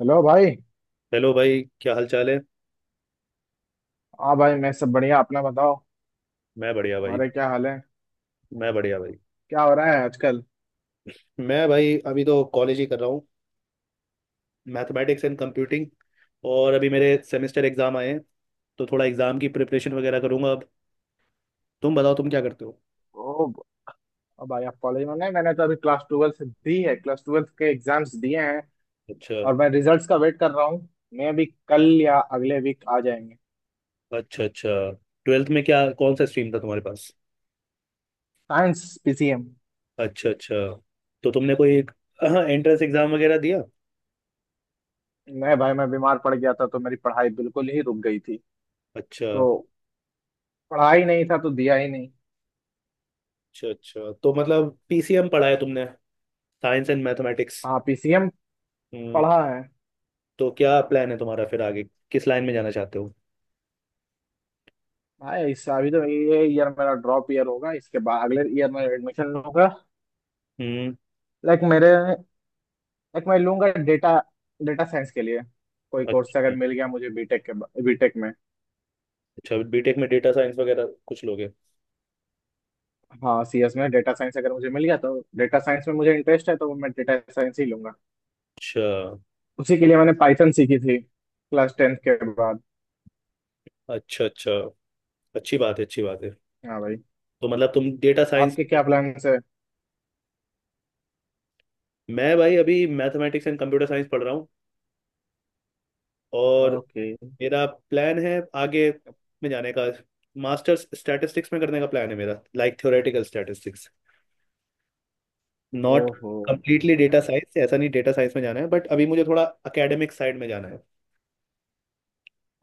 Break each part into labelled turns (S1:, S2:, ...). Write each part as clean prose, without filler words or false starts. S1: Hello भाई।
S2: Hello भाई, क्या हाल चाल है।
S1: हाँ भाई, मैं सब बढ़िया, अपना बताओ।
S2: मैं बढ़िया भाई।
S1: हमारे क्या हाल है?
S2: मैं बढ़िया भाई।
S1: क्या हो रहा है आजकल?
S2: मैं भाई, अभी तो कॉलेज ही कर रहा हूँ। Mathematics and computing. और अभी मेरे सेमेस्टर एग्जाम आए हैं। तो थोड़ा एग्जाम की प्रिपरेशन वगैरह करूंगा अब। तुम बताओ, तुम क्या करते हो?
S1: ओ, अब भाई आप कॉलेज में नहीं, मैंने तो अभी क्लास ट्वेल्थ दी है, क्लास ट्वेल्थ के एग्जाम्स दिए हैं।
S2: अच्छा,
S1: और मैं रिजल्ट्स का वेट कर रहा हूँ। मैं भी कल या अगले वीक आ जाएंगे।
S2: अच्छा, अच्छा। ट्वेल्थ में क्या, कौन सा स्ट्रीम था तुम्हारे पास?
S1: Science PCM.
S2: अच्छा, अच्छा। तो तुमने कोई एंट्रेंस एग्जाम वगैरह दिया?
S1: मैं भाई मैं बीमार पड़ गया था तो मेरी पढ़ाई बिल्कुल ही रुक गई थी।
S2: अच्छा,
S1: तो पढ़ा ही नहीं था तो दिया ही नहीं।
S2: अच्छा, अच्छा। तो मतलब पीसीएम पढ़ा है तुमने? Science and mathematics.
S1: हाँ पीसीएम
S2: हम्म।
S1: पढ़ा है।
S2: तो क्या प्लान है तुम्हारा फिर आगे? किस लाइन में जाना चाहते हो?
S1: भाई इस अभी तो ये ईयर मेरा ड्रॉप ईयर होगा, इसके बाद अगले ईयर में एडमिशन लूंगा।
S2: हम्म।
S1: लाइक मेरे एक मैं लूंगा डेटा, डेटा साइंस के लिए कोई कोर्स
S2: अच्छा,
S1: अगर मिल गया मुझे बीटेक के, बीटेक में।
S2: अच्छा। बीटेक में डेटा साइंस वगैरह कुछ लोगे?
S1: हाँ सीएस में डेटा साइंस अगर मुझे मिल गया तो डेटा साइंस में मुझे इंटरेस्ट है तो मैं डेटा साइंस ही लूंगा।
S2: अच्छा,
S1: उसी के लिए मैंने पाइथन सीखी थी क्लास टेंथ के बाद।
S2: अच्छा, अच्छा। अच्छी बात है, अच्छी बात है।
S1: हाँ भाई,
S2: तो मतलब तुम डेटा साइंस।
S1: आपके क्या प्लान्स है?
S2: मैं भाई, अभी मैथमेटिक्स एंड कंप्यूटर साइंस पढ़ रहा हूँ। और
S1: ओके।
S2: मेरा प्लान है आगे, में जाने का। मास्टर्स स्टैटिस्टिक्स में करने का प्लान है मेरा, लाइक थ्योरेटिकल स्टैटिस्टिक्स। नॉट
S1: ओहो।
S2: कंप्लीटली डेटा
S1: अच्छा
S2: साइंस, ऐसा नहीं डेटा साइंस में जाना है, बट अभी मुझे थोड़ा एकेडमिक साइड में जाना है।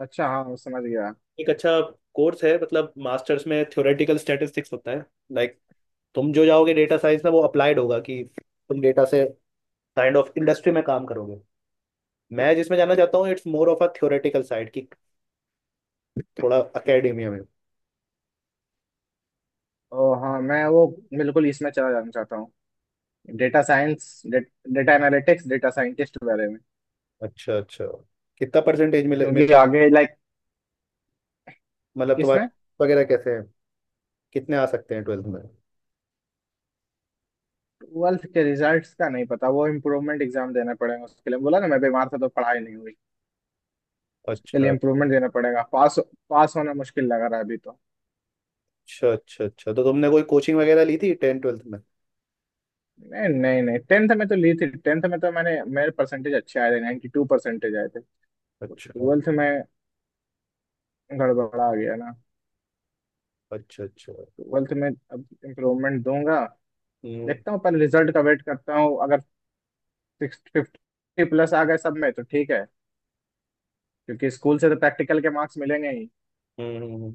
S1: अच्छा, हाँ समझ गया।
S2: एक अच्छा कोर्स है, मतलब मास्टर्स में थ्योरेटिकल स्टैटिस्टिक्स होता है। लाइक तुम जो जाओगे डेटा साइंस में, वो अप्लाइड होगा कि तुम डेटा से काइंड ऑफ इंडस्ट्री में काम करोगे। मैं जिसमें जाना चाहता हूँ, it's more of a theoretical side की, थोड़ा अकेडेमिया में।
S1: ओ हाँ मैं वो बिल्कुल इसमें चला जाना चाहता हूँ, data science, data analytics, data scientist के बारे में।
S2: अच्छा, अच्छा। कितना परसेंटेज मिले,
S1: क्योंकि आगे लाइक,
S2: मतलब
S1: किसमें?
S2: तुम्हारे वगैरह कैसे हैं? कितने आ सकते हैं ट्वेल्थ में?
S1: ट्वेल्थ के रिजल्ट्स का नहीं पता, वो इम्प्रूवमेंट एग्जाम देना पड़ेगा, उसके लिए बोला ना, मैं बीमार था तो पढ़ाई नहीं हुई। उसके लिए
S2: अच्छा,
S1: इम्प्रूवमेंट देना पड़ेगा, पास, पास होना मुश्किल लग रहा है अभी तो।
S2: अच्छा, अच्छा, अच्छा। तो तुमने कोई कोचिंग वगैरह ली थी टेन ट्वेल्थ में?
S1: नहीं नहीं नहीं, टेंथ में तो ली थी, टेंथ में तो मैंने, मेरे परसेंटेज अच्छे आए थे, 92 परसेंटेज आए थे।
S2: अच्छा,
S1: ट्वेल्थ में गड़बड़ा गया ना।
S2: अच्छा, अच्छा।
S1: ट्वेल्थ में अब इम्प्रूवमेंट दूंगा।
S2: हम्म,
S1: देखता हूँ, पहले रिजल्ट का वेट करता हूँ, अगर सिक्स फिफ्टी प्लस आ गए सब में तो ठीक है, क्योंकि स्कूल से तो प्रैक्टिकल के मार्क्स मिलेंगे ही।
S2: हम्म,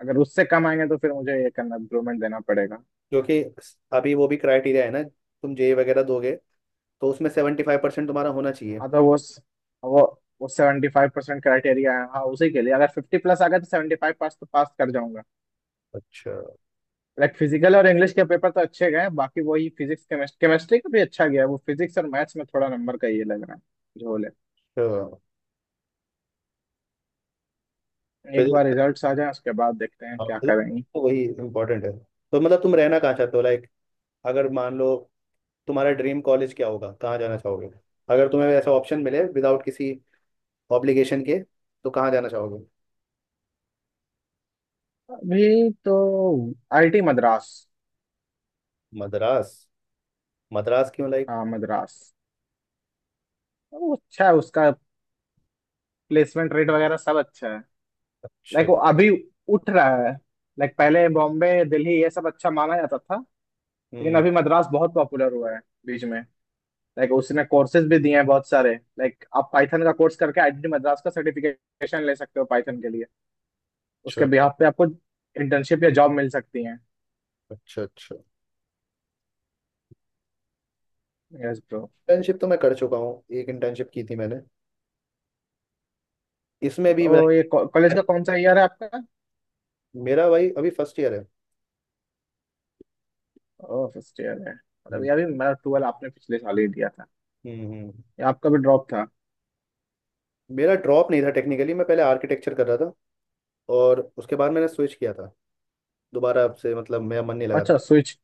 S1: अगर उससे कम आएंगे तो फिर मुझे ये करना, इम्प्रूवमेंट देना पड़ेगा।
S2: जो कि अभी वो भी क्राइटेरिया है ना, तुम जेई वगैरह दोगे, तो उसमें 75% तुम्हारा होना चाहिए।
S1: मतलब वो वो वो सेवेंटी फाइव परसेंट क्राइटेरिया है, हाँ उसी के लिए, अगर फिफ्टी प्लस आ गया तो सेवेंटी फाइव, पास तो पास कर जाऊंगा।
S2: अच्छा,
S1: लाइक फिजिकल और इंग्लिश के पेपर तो अच्छे गए, बाकी वही फिजिक्स केमिस्ट्री, केमिस्ट्री का भी अच्छा गया है, वो फिजिक्स और मैथ्स में थोड़ा नंबर का ये लग रहा है, झोल है।
S2: अच्छा।
S1: एक बार
S2: फिजिक्स।
S1: रिजल्ट्स आ जाए उसके बाद देखते हैं
S2: हाँ,
S1: क्या
S2: physics
S1: करेंगे।
S2: तो वही इम्पोर्टेंट है। तो मतलब तुम रहना कहाँ चाहते हो, लाइक, अगर मान लो, तुम्हारा ड्रीम कॉलेज क्या होगा, कहाँ जाना चाहोगे? अगर तुम्हें ऐसा ऑप्शन मिले विदाउट किसी ऑब्लिगेशन के, तो कहाँ जाना चाहोगे?
S1: अभी तो आईटी मद्रास।
S2: मद्रास? मद्रास क्यों, लाइक?
S1: हाँ मद्रास, वो अच्छा है, उसका प्लेसमेंट रेट वगैरह सब अच्छा है।
S2: अच्छा।
S1: लाइक वो अभी उठ रहा है। लाइक पहले बॉम्बे दिल्ली ये सब अच्छा माना जाता था, लेकिन
S2: हम्म।
S1: अभी मद्रास बहुत पॉपुलर हुआ है बीच में। लाइक उसने कोर्सेज भी दिए हैं बहुत सारे, लाइक आप पाइथन का कोर्स करके आईआईटी मद्रास का सर्टिफिकेशन ले सकते हो पाइथन के लिए। उसके
S2: अच्छा,
S1: बिहाफ पे आपको इंटर्नशिप या जॉब मिल सकती है।
S2: अच्छा, अच्छा।
S1: Yes bro.
S2: इंटर्नशिप तो मैं कर चुका हूँ, एक इंटर्नशिप की थी मैंने। इसमें भी like।
S1: तो ये कॉलेज का कौन सा ईयर है आपका?
S2: मेरा भाई अभी फर्स्ट ईयर है।
S1: ओह फर्स्ट ईयर है, मतलब
S2: हम्म,
S1: ये अभी मेरा ट्वेल्व आपने पिछले साल ही दिया था।
S2: हम्म,
S1: ये आपका भी ड्रॉप था?
S2: मेरा ड्रॉप नहीं था, टेक्निकली मैं पहले आर्किटेक्चर कर रहा था। और उसके बाद मैंने स्विच किया था दोबारा, अब से मतलब मेरा मन नहीं लगा
S1: अच्छा
S2: था।
S1: स्विच।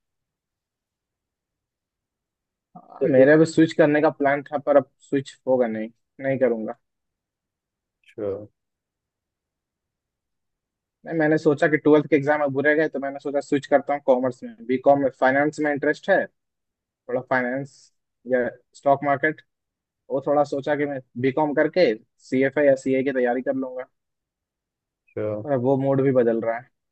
S2: तो एक।
S1: मेरा भी स्विच करने का प्लान था पर अब स्विच होगा नहीं, नहीं करूंगा।
S2: अच्छा,
S1: नहीं मैंने सोचा कि ट्वेल्थ के एग्जाम अब बुरे गए तो मैंने सोचा स्विच करता हूँ कॉमर्स में, बीकॉम में, फाइनेंस में इंटरेस्ट है थोड़ा, फाइनेंस या स्टॉक मार्केट। वो थोड़ा सोचा कि मैं बीकॉम करके सीएफए या सीए की तैयारी कर लूंगा।
S2: अच्छा।
S1: और अब वो मूड भी बदल रहा है,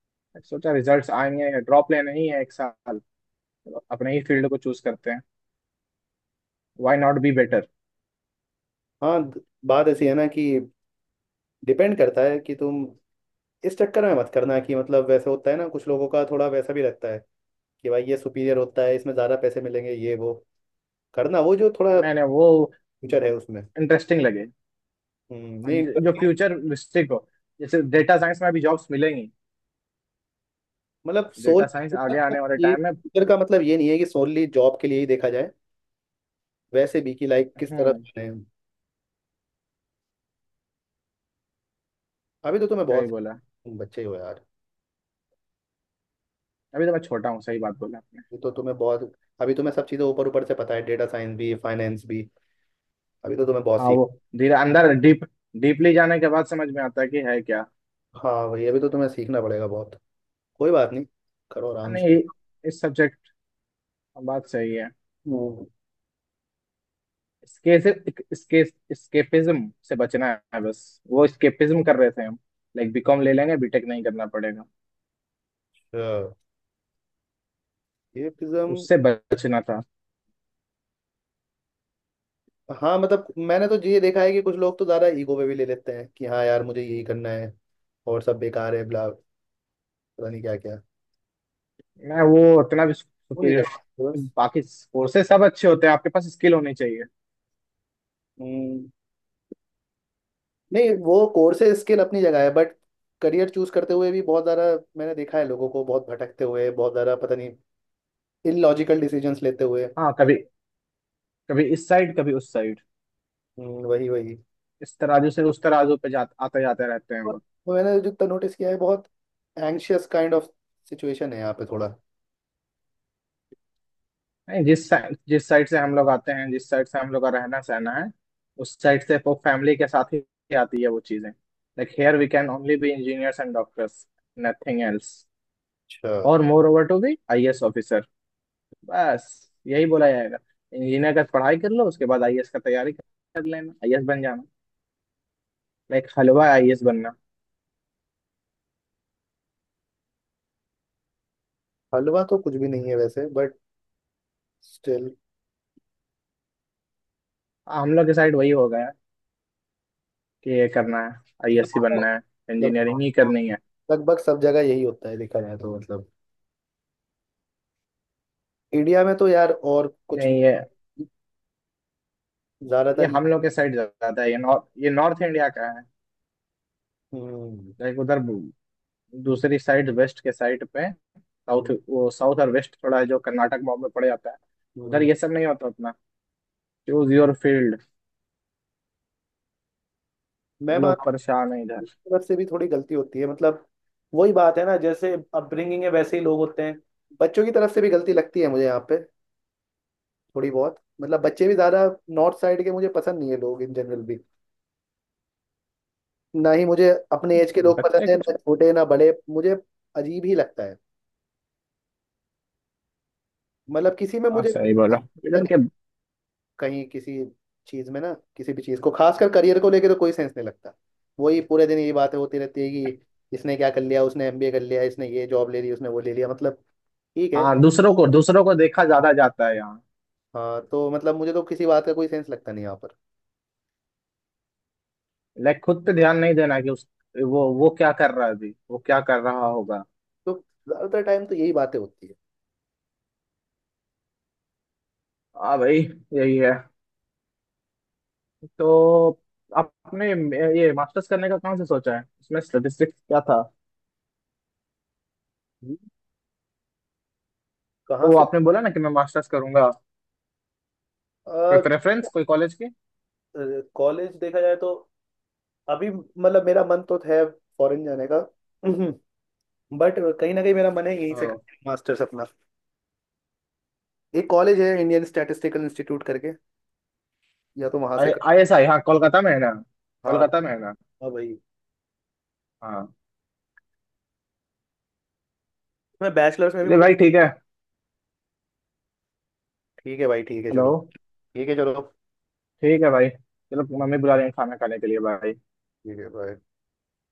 S1: सोचा रिजल्ट्स आएंगे, ड्रॉप लेना ही है एक साल, तो अपने ही फील्ड को चूज करते हैं, व्हाई नॉट बी बेटर।
S2: हाँ बात ऐसी है ना, कि डिपेंड करता है कि तुम। इस चक्कर में मत करना कि मतलब, वैसे होता है ना, कुछ लोगों का थोड़ा वैसा भी रहता है कि भाई, ये सुपीरियर होता है, इसमें ज़्यादा पैसे मिलेंगे ये वो। करना वो जो थोड़ा
S1: नहीं नहीं वो
S2: फ्यूचर है उसमें।
S1: इंटरेस्टिंग लगे।
S2: हम्म।
S1: हाँ,
S2: नहीं
S1: जो जो फ्यूचर रिस्ट्रिक्ट हो, जैसे डेटा साइंस में अभी जॉब्स मिलेंगी,
S2: मतलब सोल
S1: डेटा साइंस आगे आने वाले
S2: ये
S1: टाइम में।
S2: फ्यूचर का मतलब ये नहीं है कि सोनली जॉब के लिए ही देखा जाए। वैसे भी कि लाइक किस तरफ
S1: हम्म,
S2: जाना है। अभी तो तुम्हें
S1: सही
S2: बहुत।
S1: बोला।
S2: तुम बच्चे हो यार।
S1: अभी तो मैं छोटा हूँ, सही बात बोला आपने।
S2: अभी तो तुम्हें बहुत। अभी तुम्हें सब चीज़ें ऊपर ऊपर से पता है, डेटा साइंस भी, फाइनेंस भी। अभी तो तुम्हें बहुत
S1: हाँ
S2: सीख।
S1: वो धीरे अंदर डीप, डीपली जाने के बाद समझ में आता है कि है क्या।
S2: हाँ भाई, अभी तो तुम्हें सीखना पड़ेगा बहुत। कोई बात नहीं, करो
S1: हाँ,
S2: आराम से।
S1: नहीं, इस सब्जेक्ट, बात सही है।
S2: हम्म।
S1: इसके इसके स्केपिज्म से बचना है बस, वो स्केपिज्म कर रहे थे हम, लाइक बीकॉम ले लेंगे बीटेक नहीं करना पड़ेगा,
S2: अच्छा, ये फिज्म।
S1: उससे बचना था।
S2: हाँ मतलब, मैंने तो ये देखा है कि कुछ लोग तो ज़्यादा ईगो पे भी ले लेते हैं कि हाँ यार, मुझे यही करना है, और सब बेकार है, ब्ला, पता नहीं क्या क्या।
S1: मैं वो उतना भी
S2: वो नहीं
S1: सुपीरियर,
S2: करता बस।
S1: बाकी कोर्सेज सब अच्छे होते हैं, आपके पास स्किल होनी चाहिए।
S2: हम्म। नहीं, वो कोर्सेज स्किल अपनी जगह है, बट करियर चूज करते हुए भी बहुत ज़्यादा, मैंने देखा है लोगों को बहुत भटकते हुए, बहुत ज़्यादा, पता नहीं इलॉजिकल डिसीजंस लेते हुए।
S1: हाँ कभी कभी इस साइड कभी उस साइड,
S2: वही वही।
S1: इस तराजू से उस तराजू पे जा, आते जाते रहते हैं वो।
S2: तो मैंने जितना नोटिस किया है, बहुत एंग्शियस काइंड ऑफ सिचुएशन है यहाँ पे थोड़ा।
S1: नहीं जिस साइड, जिस साइड से हम लोग आते हैं, जिस साइड से हम लोग का रहना सहना है, उस साइड से वो फैमिली के साथ ही आती है वो चीजें, like here we can only be engineers and doctors, nothing else.
S2: अच्छा।
S1: और moreover to be IAS officer, बस यही बोला जाएगा, इंजीनियर का पढ़ाई कर लो उसके बाद आईएएस का तैयारी कर लेना, आईएएस बन जाना, लाइक हलवा आईएएस बनना।
S2: हलवा तो कुछ भी नहीं है वैसे, बट स्टिल।
S1: हाँ, हम लोग के साइड वही हो गया है, कि ये करना है, आईएएस ही
S2: मतलब
S1: बनना है, इंजीनियरिंग ही करनी है।
S2: लगभग सब जगह यही होता है देखा जाए तो, मतलब इंडिया में तो यार, और कुछ
S1: नहीं ये, ये
S2: ज़्यादातर।
S1: हम लोग के साइड ज्यादा है, ये नॉर्थ, ये नॉर्थ इंडिया का।
S2: हम्म,
S1: लाइक उधर, दूसरी साइड वेस्ट के साइड पे,
S2: हम्म,
S1: साउथ, वो साउथ और वेस्ट थोड़ा है, जो कर्नाटक बॉम्ब में पड़ जाता है, उधर
S2: हम्म।
S1: ये सब नहीं होता, अपना चूज योर फील्ड।
S2: मैं मान,
S1: लोग परेशान है इधर,
S2: तरफ से भी थोड़ी गलती होती है मतलब। वही बात है ना, जैसे अपब्रिंगिंग है वैसे ही लोग होते हैं। बच्चों की तरफ से भी गलती लगती है मुझे यहाँ पे, थोड़ी बहुत। मतलब बच्चे भी ज्यादा। नॉर्थ साइड के मुझे पसंद नहीं है लोग इन जनरल भी। ना ही मुझे अपने एज के लोग
S1: बच्चे
S2: पसंद है,
S1: कुछ।
S2: ना छोटे, ना बड़े, मुझे अजीब ही लगता है। मतलब किसी में
S1: हाँ
S2: मुझे कोई
S1: सही
S2: इतना
S1: बोला,
S2: पसंद
S1: इधर
S2: नहीं।
S1: के।
S2: कहीं किसी चीज में ना, किसी भी चीज को खासकर करियर को लेकर तो कोई सेंस नहीं लगता। वही पूरे दिन ये बातें होती रहती है कि इसने क्या कर लिया, उसने एमबीए कर लिया, इसने ये जॉब ले ली, उसने वो ले लिया, मतलब, ठीक है।
S1: हाँ दूसरों को देखा ज्यादा जाता है यहाँ,
S2: हाँ, तो मतलब मुझे तो किसी बात का कोई सेंस लगता नहीं यहाँ पर।
S1: लाइक खुद पे ध्यान नहीं देना, कि उस, वो क्या कर रहा है, अभी वो क्या कर रहा होगा।
S2: तो ज्यादातर टाइम तो यही बातें होती है।
S1: हाँ भाई, यही है। तो आपने ये मास्टर्स करने का कहाँ से सोचा है, इसमें स्टेटिस्टिक्स क्या था?
S2: हम्म, कहाँ
S1: तो वो
S2: से?
S1: आपने बोला ना कि मैं मास्टर्स करूंगा, कोई प्रेफरेंस, कोई कॉलेज की?
S2: कॉलेज देखा जाए तो, अभी मतलब मेरा मन तो है फॉरेन जाने का, बट कहीं ना कहीं मेरा मन है यहीं से मास्टर्स अपना। एक कॉलेज है इंडियन स्टैटिस्टिकल इंस्टीट्यूट करके, या तो वहां से कर।
S1: आई एस आई, हाँ कोलकाता में है ना?
S2: हाँ।
S1: कोलकाता
S2: हाँ
S1: में है ना?
S2: भाई।
S1: हाँ।
S2: मैं बैचलर्स में भी
S1: चलिए
S2: मुझे।
S1: भाई ठीक है।
S2: ठीक है भाई, ठीक है,
S1: हेलो।
S2: चलो। ठीक है, चलो।
S1: ठीक है भाई चलो, मम्मी बुला रही है खाना खाने के लिए भाई।
S2: ठीक है भाई।